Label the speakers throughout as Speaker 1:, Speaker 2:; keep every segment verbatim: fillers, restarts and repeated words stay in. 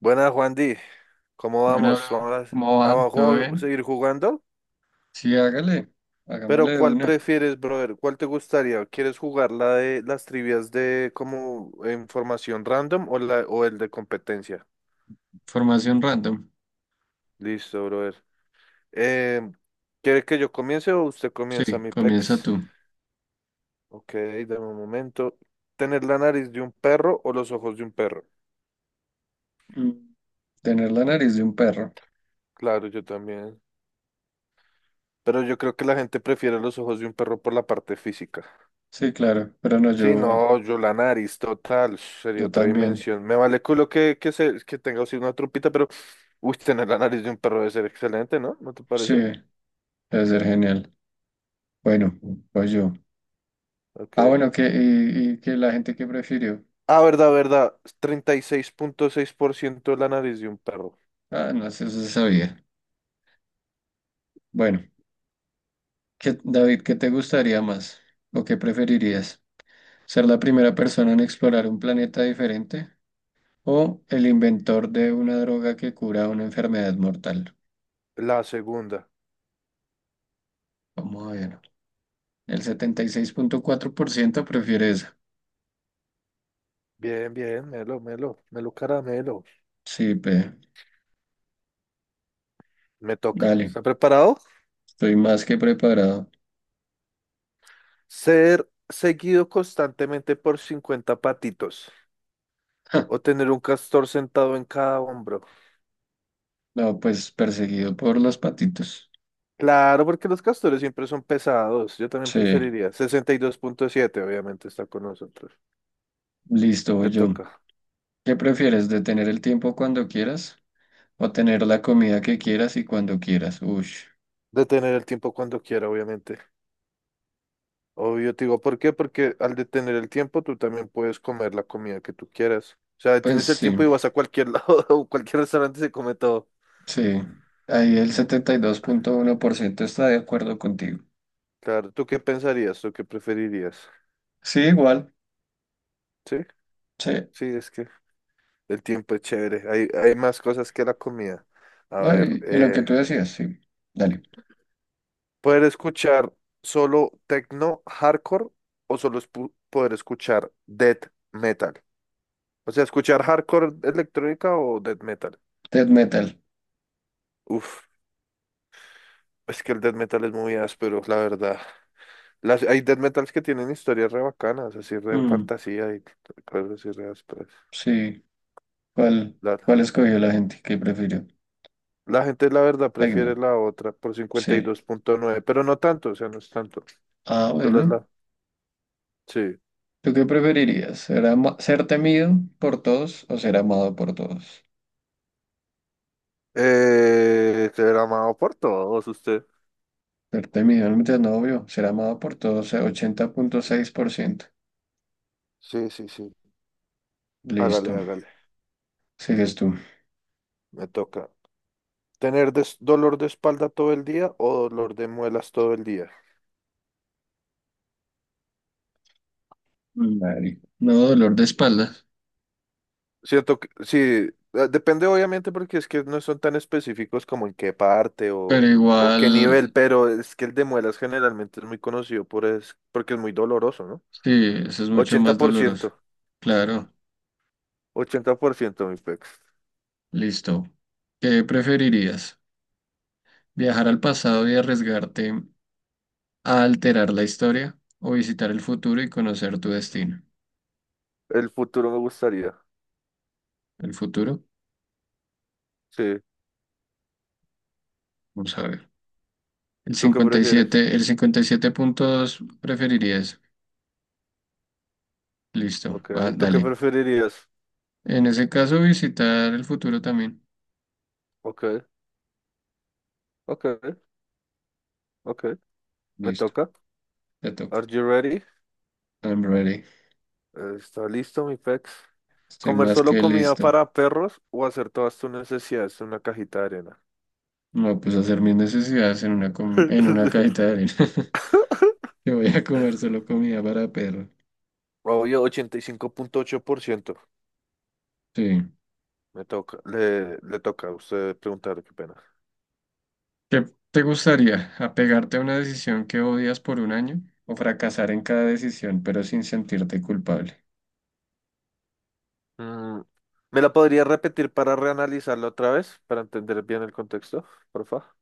Speaker 1: Buenas, Juan Di. ¿Cómo
Speaker 2: Bueno, bro,
Speaker 1: vamos? ¿Vamos
Speaker 2: ¿cómo
Speaker 1: a,
Speaker 2: va?
Speaker 1: a
Speaker 2: ¿Todo
Speaker 1: jug-
Speaker 2: bien?
Speaker 1: seguir jugando?
Speaker 2: Sí, hágale,
Speaker 1: Pero
Speaker 2: hagámosle de
Speaker 1: ¿cuál
Speaker 2: una.
Speaker 1: prefieres, brother? ¿Cuál te gustaría? ¿Quieres jugar la de las trivias de como información random o la o el de competencia?
Speaker 2: Formación random.
Speaker 1: Listo, brother. Eh, ¿Quiere que yo comience o usted comienza,
Speaker 2: Sí,
Speaker 1: mi
Speaker 2: comienza
Speaker 1: pex?
Speaker 2: tú.
Speaker 1: Ok, dame un momento. ¿Tener la nariz de un perro o los ojos de un perro?
Speaker 2: Mm, tener la nariz de un perro.
Speaker 1: Claro, yo también. Pero yo creo que la gente prefiere los ojos de un perro por la parte física.
Speaker 2: Sí, claro, pero no,
Speaker 1: Sí,
Speaker 2: yo,
Speaker 1: no, yo la nariz total, sería
Speaker 2: yo
Speaker 1: otra
Speaker 2: también.
Speaker 1: dimensión. Me vale culo que, que, se, que tenga así una trompita, pero uy, tener la nariz de un perro debe ser excelente, ¿no? ¿No te
Speaker 2: Sí,
Speaker 1: parece?
Speaker 2: debe ser genial. Bueno, pues yo.
Speaker 1: Ok.
Speaker 2: Ah, bueno, que, y, y que la gente que prefirió.
Speaker 1: Ah, verdad, verdad. Treinta y seis seis punto seis por ciento la nariz de un perro.
Speaker 2: Ah, no sé, eso se sabía. Bueno, ¿qué- David, ¿qué te gustaría más? ¿O qué preferirías? ¿Ser la primera persona en explorar un planeta diferente? O el inventor de una droga que cura una enfermedad mortal.
Speaker 1: La segunda.
Speaker 2: Vamos a ver. El setenta y seis punto cuatro por ciento prefiere esa.
Speaker 1: Bien, bien, Melo, Melo, Melo Caramelo.
Speaker 2: Sí, pe.
Speaker 1: Me toca.
Speaker 2: Dale.
Speaker 1: ¿Está preparado?
Speaker 2: Estoy más que preparado.
Speaker 1: Ser seguido constantemente por cincuenta patitos
Speaker 2: Ja,
Speaker 1: o tener un castor sentado en cada hombro.
Speaker 2: no, pues perseguido por los patitos.
Speaker 1: Claro, porque los castores siempre son pesados. Yo también
Speaker 2: Sí,
Speaker 1: preferiría. Sesenta y dos punto siete, obviamente, está con nosotros.
Speaker 2: listo, voy
Speaker 1: Te
Speaker 2: yo.
Speaker 1: toca.
Speaker 2: ¿Qué prefieres? ¿Detener el tiempo cuando quieras? ¿O tener la comida que quieras y cuando quieras? Uy,
Speaker 1: Detener el tiempo cuando quiera, obviamente. Obvio, te digo, ¿por qué? Porque al detener el tiempo, tú también puedes comer la comida que tú quieras. O sea,
Speaker 2: pues
Speaker 1: detienes el
Speaker 2: sí,
Speaker 1: tiempo y vas a cualquier lado, o cualquier restaurante se come todo.
Speaker 2: sí. Ahí el setenta y dos punto uno por ciento está de acuerdo contigo.
Speaker 1: Claro, ¿tú qué pensarías? ¿Tú qué preferirías?
Speaker 2: Sí, igual.
Speaker 1: Sí,
Speaker 2: Sí.
Speaker 1: sí, es que el tiempo es chévere. Hay, hay más cosas que la comida. A
Speaker 2: Ah,
Speaker 1: ver,
Speaker 2: y, y lo que
Speaker 1: eh,
Speaker 2: tú decías, sí. Dale.
Speaker 1: poder escuchar solo techno hardcore o solo espu- poder escuchar death metal. O sea, escuchar hardcore electrónica o death metal.
Speaker 2: Death metal.
Speaker 1: Uf, es que el death metal es muy áspero, la verdad. Las, hay death metals que tienen historias re bacanas, así re
Speaker 2: Mm,
Speaker 1: fantasía y cosas así re ásperas.
Speaker 2: sí. ¿Cuál,
Speaker 1: La,
Speaker 2: ¿Cuál escogió la gente? ¿Qué prefirió?
Speaker 1: la gente, la verdad, prefiere
Speaker 2: Tecno.
Speaker 1: la otra por cincuenta y
Speaker 2: Sí.
Speaker 1: dos punto nueve pero no tanto, o sea, no es tanto.
Speaker 2: Ah,
Speaker 1: Solo es
Speaker 2: bueno.
Speaker 1: la. Sí.
Speaker 2: ¿Tú qué preferirías? ¿Ser, ama- ¿ser temido por todos o ser amado por todos?
Speaker 1: Eh, será amado por todos usted.
Speaker 2: Ser temido, no metas novio. Ser amado por todos, eh, ochenta punto seis por ciento.
Speaker 1: Sí, sí, sí. Hágale,
Speaker 2: Listo.
Speaker 1: hágale.
Speaker 2: Sigues tú.
Speaker 1: Me toca tener des- dolor de espalda todo el día o dolor de muelas todo el día.
Speaker 2: Dale. No, dolor de espalda.
Speaker 1: Siento que sí, eh, depende obviamente porque es que no son tan específicos como en qué parte
Speaker 2: Pero
Speaker 1: o, o qué
Speaker 2: igual,
Speaker 1: nivel, pero es que el de muelas generalmente es muy conocido por es, porque es muy doloroso, ¿no?
Speaker 2: sí, eso es mucho
Speaker 1: ochenta ochenta
Speaker 2: más
Speaker 1: por
Speaker 2: doloroso.
Speaker 1: ciento
Speaker 2: Claro.
Speaker 1: Ochenta por ciento mi pex.
Speaker 2: Listo. ¿Qué preferirías? Viajar al pasado y arriesgarte a alterar la historia o visitar el futuro y conocer tu destino.
Speaker 1: El futuro me gustaría.
Speaker 2: El futuro,
Speaker 1: Sí.
Speaker 2: vamos a ver. El
Speaker 1: ¿Tú qué
Speaker 2: cincuenta y
Speaker 1: prefieres?
Speaker 2: siete, el cincuenta y siete punto dos preferirías. Listo,
Speaker 1: Ok.
Speaker 2: va,
Speaker 1: ¿Tú qué
Speaker 2: dale.
Speaker 1: preferirías?
Speaker 2: En ese caso, visitar el futuro también.
Speaker 1: Ok, ok, ok. Me
Speaker 2: Listo,
Speaker 1: toca.
Speaker 2: te
Speaker 1: Are
Speaker 2: toca.
Speaker 1: you ready?
Speaker 2: I'm ready.
Speaker 1: Eh, ¿Está listo mi pex?
Speaker 2: Estoy
Speaker 1: ¿Comer
Speaker 2: más
Speaker 1: solo
Speaker 2: que
Speaker 1: comida
Speaker 2: listo.
Speaker 1: para perros o hacer todas tus necesidades en una cajita de arena?
Speaker 2: No, pues hacer mis necesidades en una, com- en una cajita de arena. Yo voy a comer solo comida para perro.
Speaker 1: Obvio, ochenta y cinco punto ocho por ciento.
Speaker 2: Sí.
Speaker 1: Me toca, le, le toca a usted preguntar, qué pena.
Speaker 2: ¿Qué te gustaría? ¿Apegarte a una decisión que odias por un año o fracasar en cada decisión pero sin sentirte culpable?
Speaker 1: Mm, ¿Me la podría repetir para reanalizarla otra vez, para entender bien el contexto, porfa?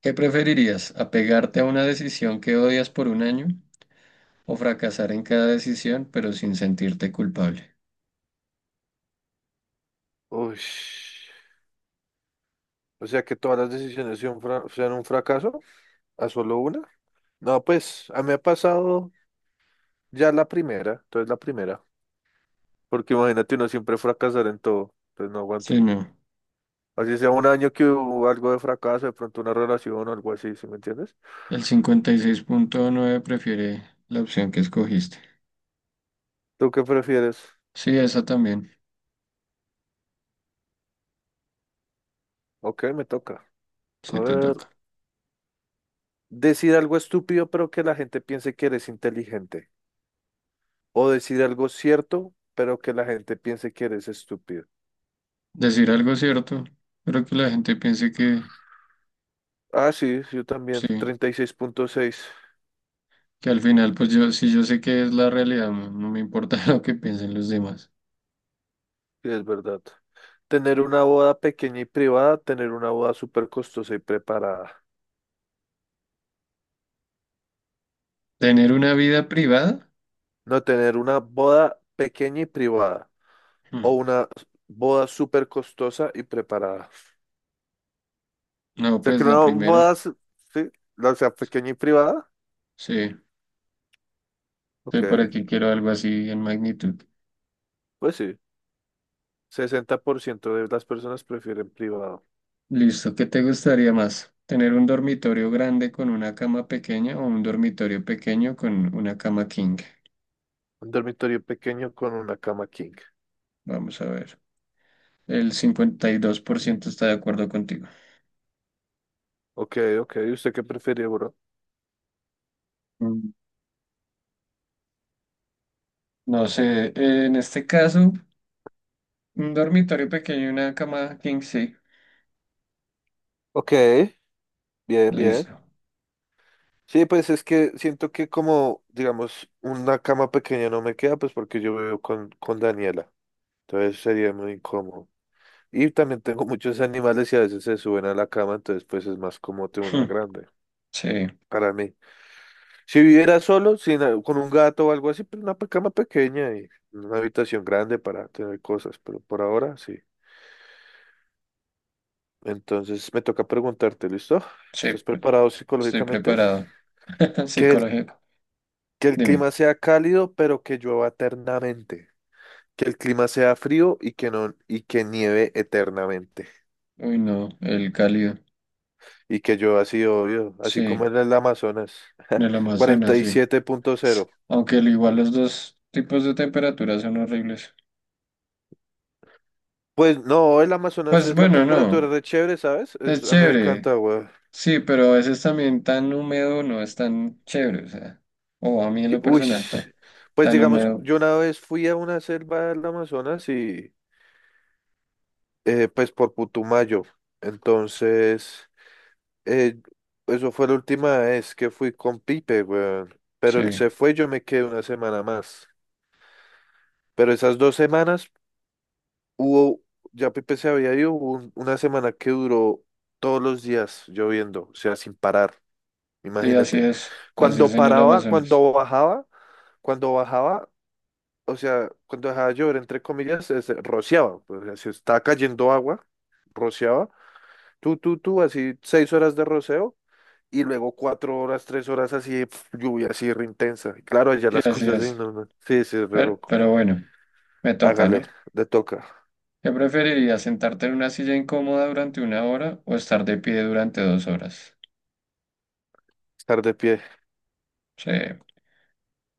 Speaker 2: ¿Qué preferirías? ¿Apegarte a una decisión que odias por un año o fracasar en cada decisión pero sin sentirte culpable?
Speaker 1: Uy, o sea que todas las decisiones sean, fra- sean un fracaso, a solo una. No, pues a mí me ha pasado ya la primera, entonces la primera, porque imagínate uno siempre fracasar en todo, entonces no aguanto.
Speaker 2: Sí, no.
Speaker 1: Así sea un año que hubo algo de fracaso, de pronto una relación o algo así, ¿sí me entiendes?
Speaker 2: El cincuenta y seis punto nueve prefiere la opción que escogiste.
Speaker 1: ¿Tú qué prefieres?
Speaker 2: Sí, esa también,
Speaker 1: Ok, me toca. A
Speaker 2: sí te
Speaker 1: ver,
Speaker 2: toca.
Speaker 1: decir algo estúpido pero que la gente piense que eres inteligente. O decir algo cierto pero que la gente piense que eres estúpido.
Speaker 2: Decir algo cierto, pero que la gente piense que
Speaker 1: Ah, sí, yo también.
Speaker 2: sí.
Speaker 1: treinta y seis punto seis,
Speaker 2: Que al final, pues yo, si yo sé que es la realidad, no, no me importa lo que piensen los demás.
Speaker 1: sí, es verdad. Tener una boda pequeña y privada, tener una boda súper costosa y preparada.
Speaker 2: ¿Tener una vida privada?
Speaker 1: No tener una boda pequeña y privada. O
Speaker 2: Hmm,
Speaker 1: una boda súper costosa y preparada.
Speaker 2: no,
Speaker 1: Sea, que
Speaker 2: pues la
Speaker 1: una boda,
Speaker 2: primera.
Speaker 1: s- sí, la sea pequeña y privada.
Speaker 2: Sí, sí,
Speaker 1: Ok,
Speaker 2: para qué quiero algo así en magnitud.
Speaker 1: pues sí. Sesenta por ciento de las personas prefieren privado.
Speaker 2: Listo, ¿qué te gustaría más? ¿Tener un dormitorio grande con una cama pequeña o un dormitorio pequeño con una cama king?
Speaker 1: Un dormitorio pequeño con una cama king.
Speaker 2: Vamos a ver. El cincuenta y dos por ciento está de acuerdo contigo.
Speaker 1: Ok, ok. ¿Y usted qué prefiere, bro?
Speaker 2: Mm, no sé, en este caso, un dormitorio pequeño y una cama king, sí.
Speaker 1: Ok, bien, bien.
Speaker 2: Listo.
Speaker 1: Sí, pues es que siento que como, digamos, una cama pequeña no me queda, pues porque yo vivo con, con Daniela. Entonces sería muy incómodo. Y también tengo muchos animales y a veces se suben a la cama, entonces pues es más cómodo tener una
Speaker 2: Hmm,
Speaker 1: grande.
Speaker 2: sí.
Speaker 1: Para mí. Si viviera solo, sin, con un gato o algo así, pero una pe- cama pequeña y una habitación grande para tener cosas, pero por ahora sí. Entonces me toca preguntarte, ¿listo?
Speaker 2: Sí,
Speaker 1: ¿Estás preparado
Speaker 2: estoy
Speaker 1: psicológicamente?
Speaker 2: preparado.
Speaker 1: Que el,
Speaker 2: Psicológico.
Speaker 1: que el
Speaker 2: Dime.
Speaker 1: clima sea cálido, pero que llueva eternamente. Que el clima sea frío y que no, y que nieve eternamente.
Speaker 2: Uy, no, el cálido.
Speaker 1: Y que llueva así, obvio, así
Speaker 2: Sí,
Speaker 1: como en el Amazonas.
Speaker 2: el
Speaker 1: cuarenta
Speaker 2: Amazonas,
Speaker 1: y
Speaker 2: sí.
Speaker 1: siete punto cero
Speaker 2: Aunque al igual los dos tipos de temperaturas son horribles.
Speaker 1: Pues no, el Amazonas
Speaker 2: Pues
Speaker 1: es la
Speaker 2: bueno, no,
Speaker 1: temperatura de chévere, ¿sabes?
Speaker 2: es
Speaker 1: Es- a mí me
Speaker 2: chévere.
Speaker 1: encanta, güey.
Speaker 2: Sí, pero a veces también tan húmedo no es tan chévere, o sea. O a mí en
Speaker 1: Que-
Speaker 2: lo
Speaker 1: Uy,
Speaker 2: personal, tan,
Speaker 1: pues
Speaker 2: tan
Speaker 1: digamos,
Speaker 2: húmedo.
Speaker 1: yo una vez fui a una selva del Amazonas y eh, pues por Putumayo. Entonces, eh, eso fue la última vez que fui con Pipe, weón. Pero él
Speaker 2: Sí,
Speaker 1: se fue, yo me quedé una semana más. Pero esas dos semanas hubo, ya Pipe se había ido, hubo un- una semana que duró todos los días lloviendo, o sea, sin parar,
Speaker 2: sí, así
Speaker 1: imagínate.
Speaker 2: es. Así
Speaker 1: Cuando
Speaker 2: es en el
Speaker 1: paraba,
Speaker 2: Amazonas.
Speaker 1: cuando bajaba, cuando bajaba, o sea, cuando dejaba llover, entre comillas, se, rociaba, pues, o sea, se estaba cayendo agua, rociaba, tú, tú, tú, así seis horas de roceo y luego cuatro horas, tres horas así, pf, lluvia así re intensa. Y claro, allá
Speaker 2: Sí,
Speaker 1: las
Speaker 2: así
Speaker 1: cosas de
Speaker 2: es.
Speaker 1: no, no, sí, sí, re
Speaker 2: Pero,
Speaker 1: loco.
Speaker 2: pero bueno, me toca,
Speaker 1: Hágale,
Speaker 2: ¿no?
Speaker 1: le toca,
Speaker 2: ¿Qué preferirías, sentarte en una silla incómoda durante una hora o estar de pie durante dos horas?
Speaker 1: estar de pie,
Speaker 2: Sí.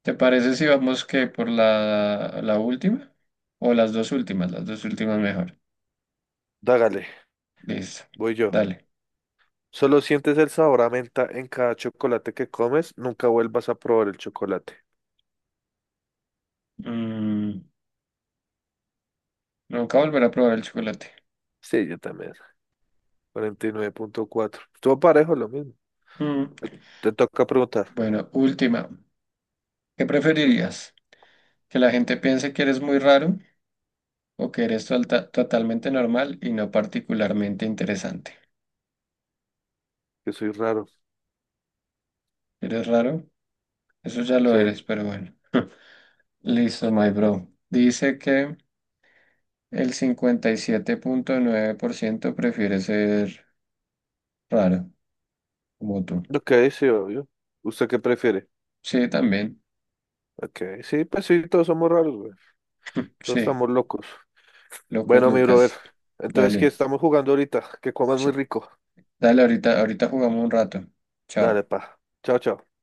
Speaker 2: ¿Te parece si vamos que por la, la última? O las dos últimas, las dos últimas mejor.
Speaker 1: dágale,
Speaker 2: Listo.
Speaker 1: voy yo.
Speaker 2: Dale.
Speaker 1: Solo sientes el sabor a menta en cada chocolate que comes, nunca vuelvas a probar el chocolate.
Speaker 2: Mm, nunca volver a probar el chocolate.
Speaker 1: Sí, yo también. Cuarenta y nueve punto cuatro. Estuvo parejo, lo mismo.
Speaker 2: Mm,
Speaker 1: Te toca preguntar,
Speaker 2: bueno, última. ¿Qué preferirías? ¿Que la gente piense que eres muy raro o que eres tolta- totalmente normal y no particularmente interesante?
Speaker 1: que soy raro.
Speaker 2: ¿Eres raro? Eso ya lo
Speaker 1: Sí.
Speaker 2: eres, pero bueno. Listo, my bro. Dice que el cincuenta y siete punto nueve por ciento prefiere ser raro, como tú.
Speaker 1: Ok, sí, obvio. ¿Usted qué prefiere?
Speaker 2: Sí, también.
Speaker 1: Ok, sí, pues sí, todos somos raros, güey. Todos
Speaker 2: Sí,
Speaker 1: estamos locos.
Speaker 2: locos
Speaker 1: Bueno, mi brother.
Speaker 2: Lucas.
Speaker 1: Entonces, ¿qué
Speaker 2: Dale.
Speaker 1: estamos jugando ahorita? Que comas muy
Speaker 2: Ch-
Speaker 1: rico.
Speaker 2: dale, ahorita, ahorita jugamos un rato. Chao.
Speaker 1: Dale, pa. Chao, chao.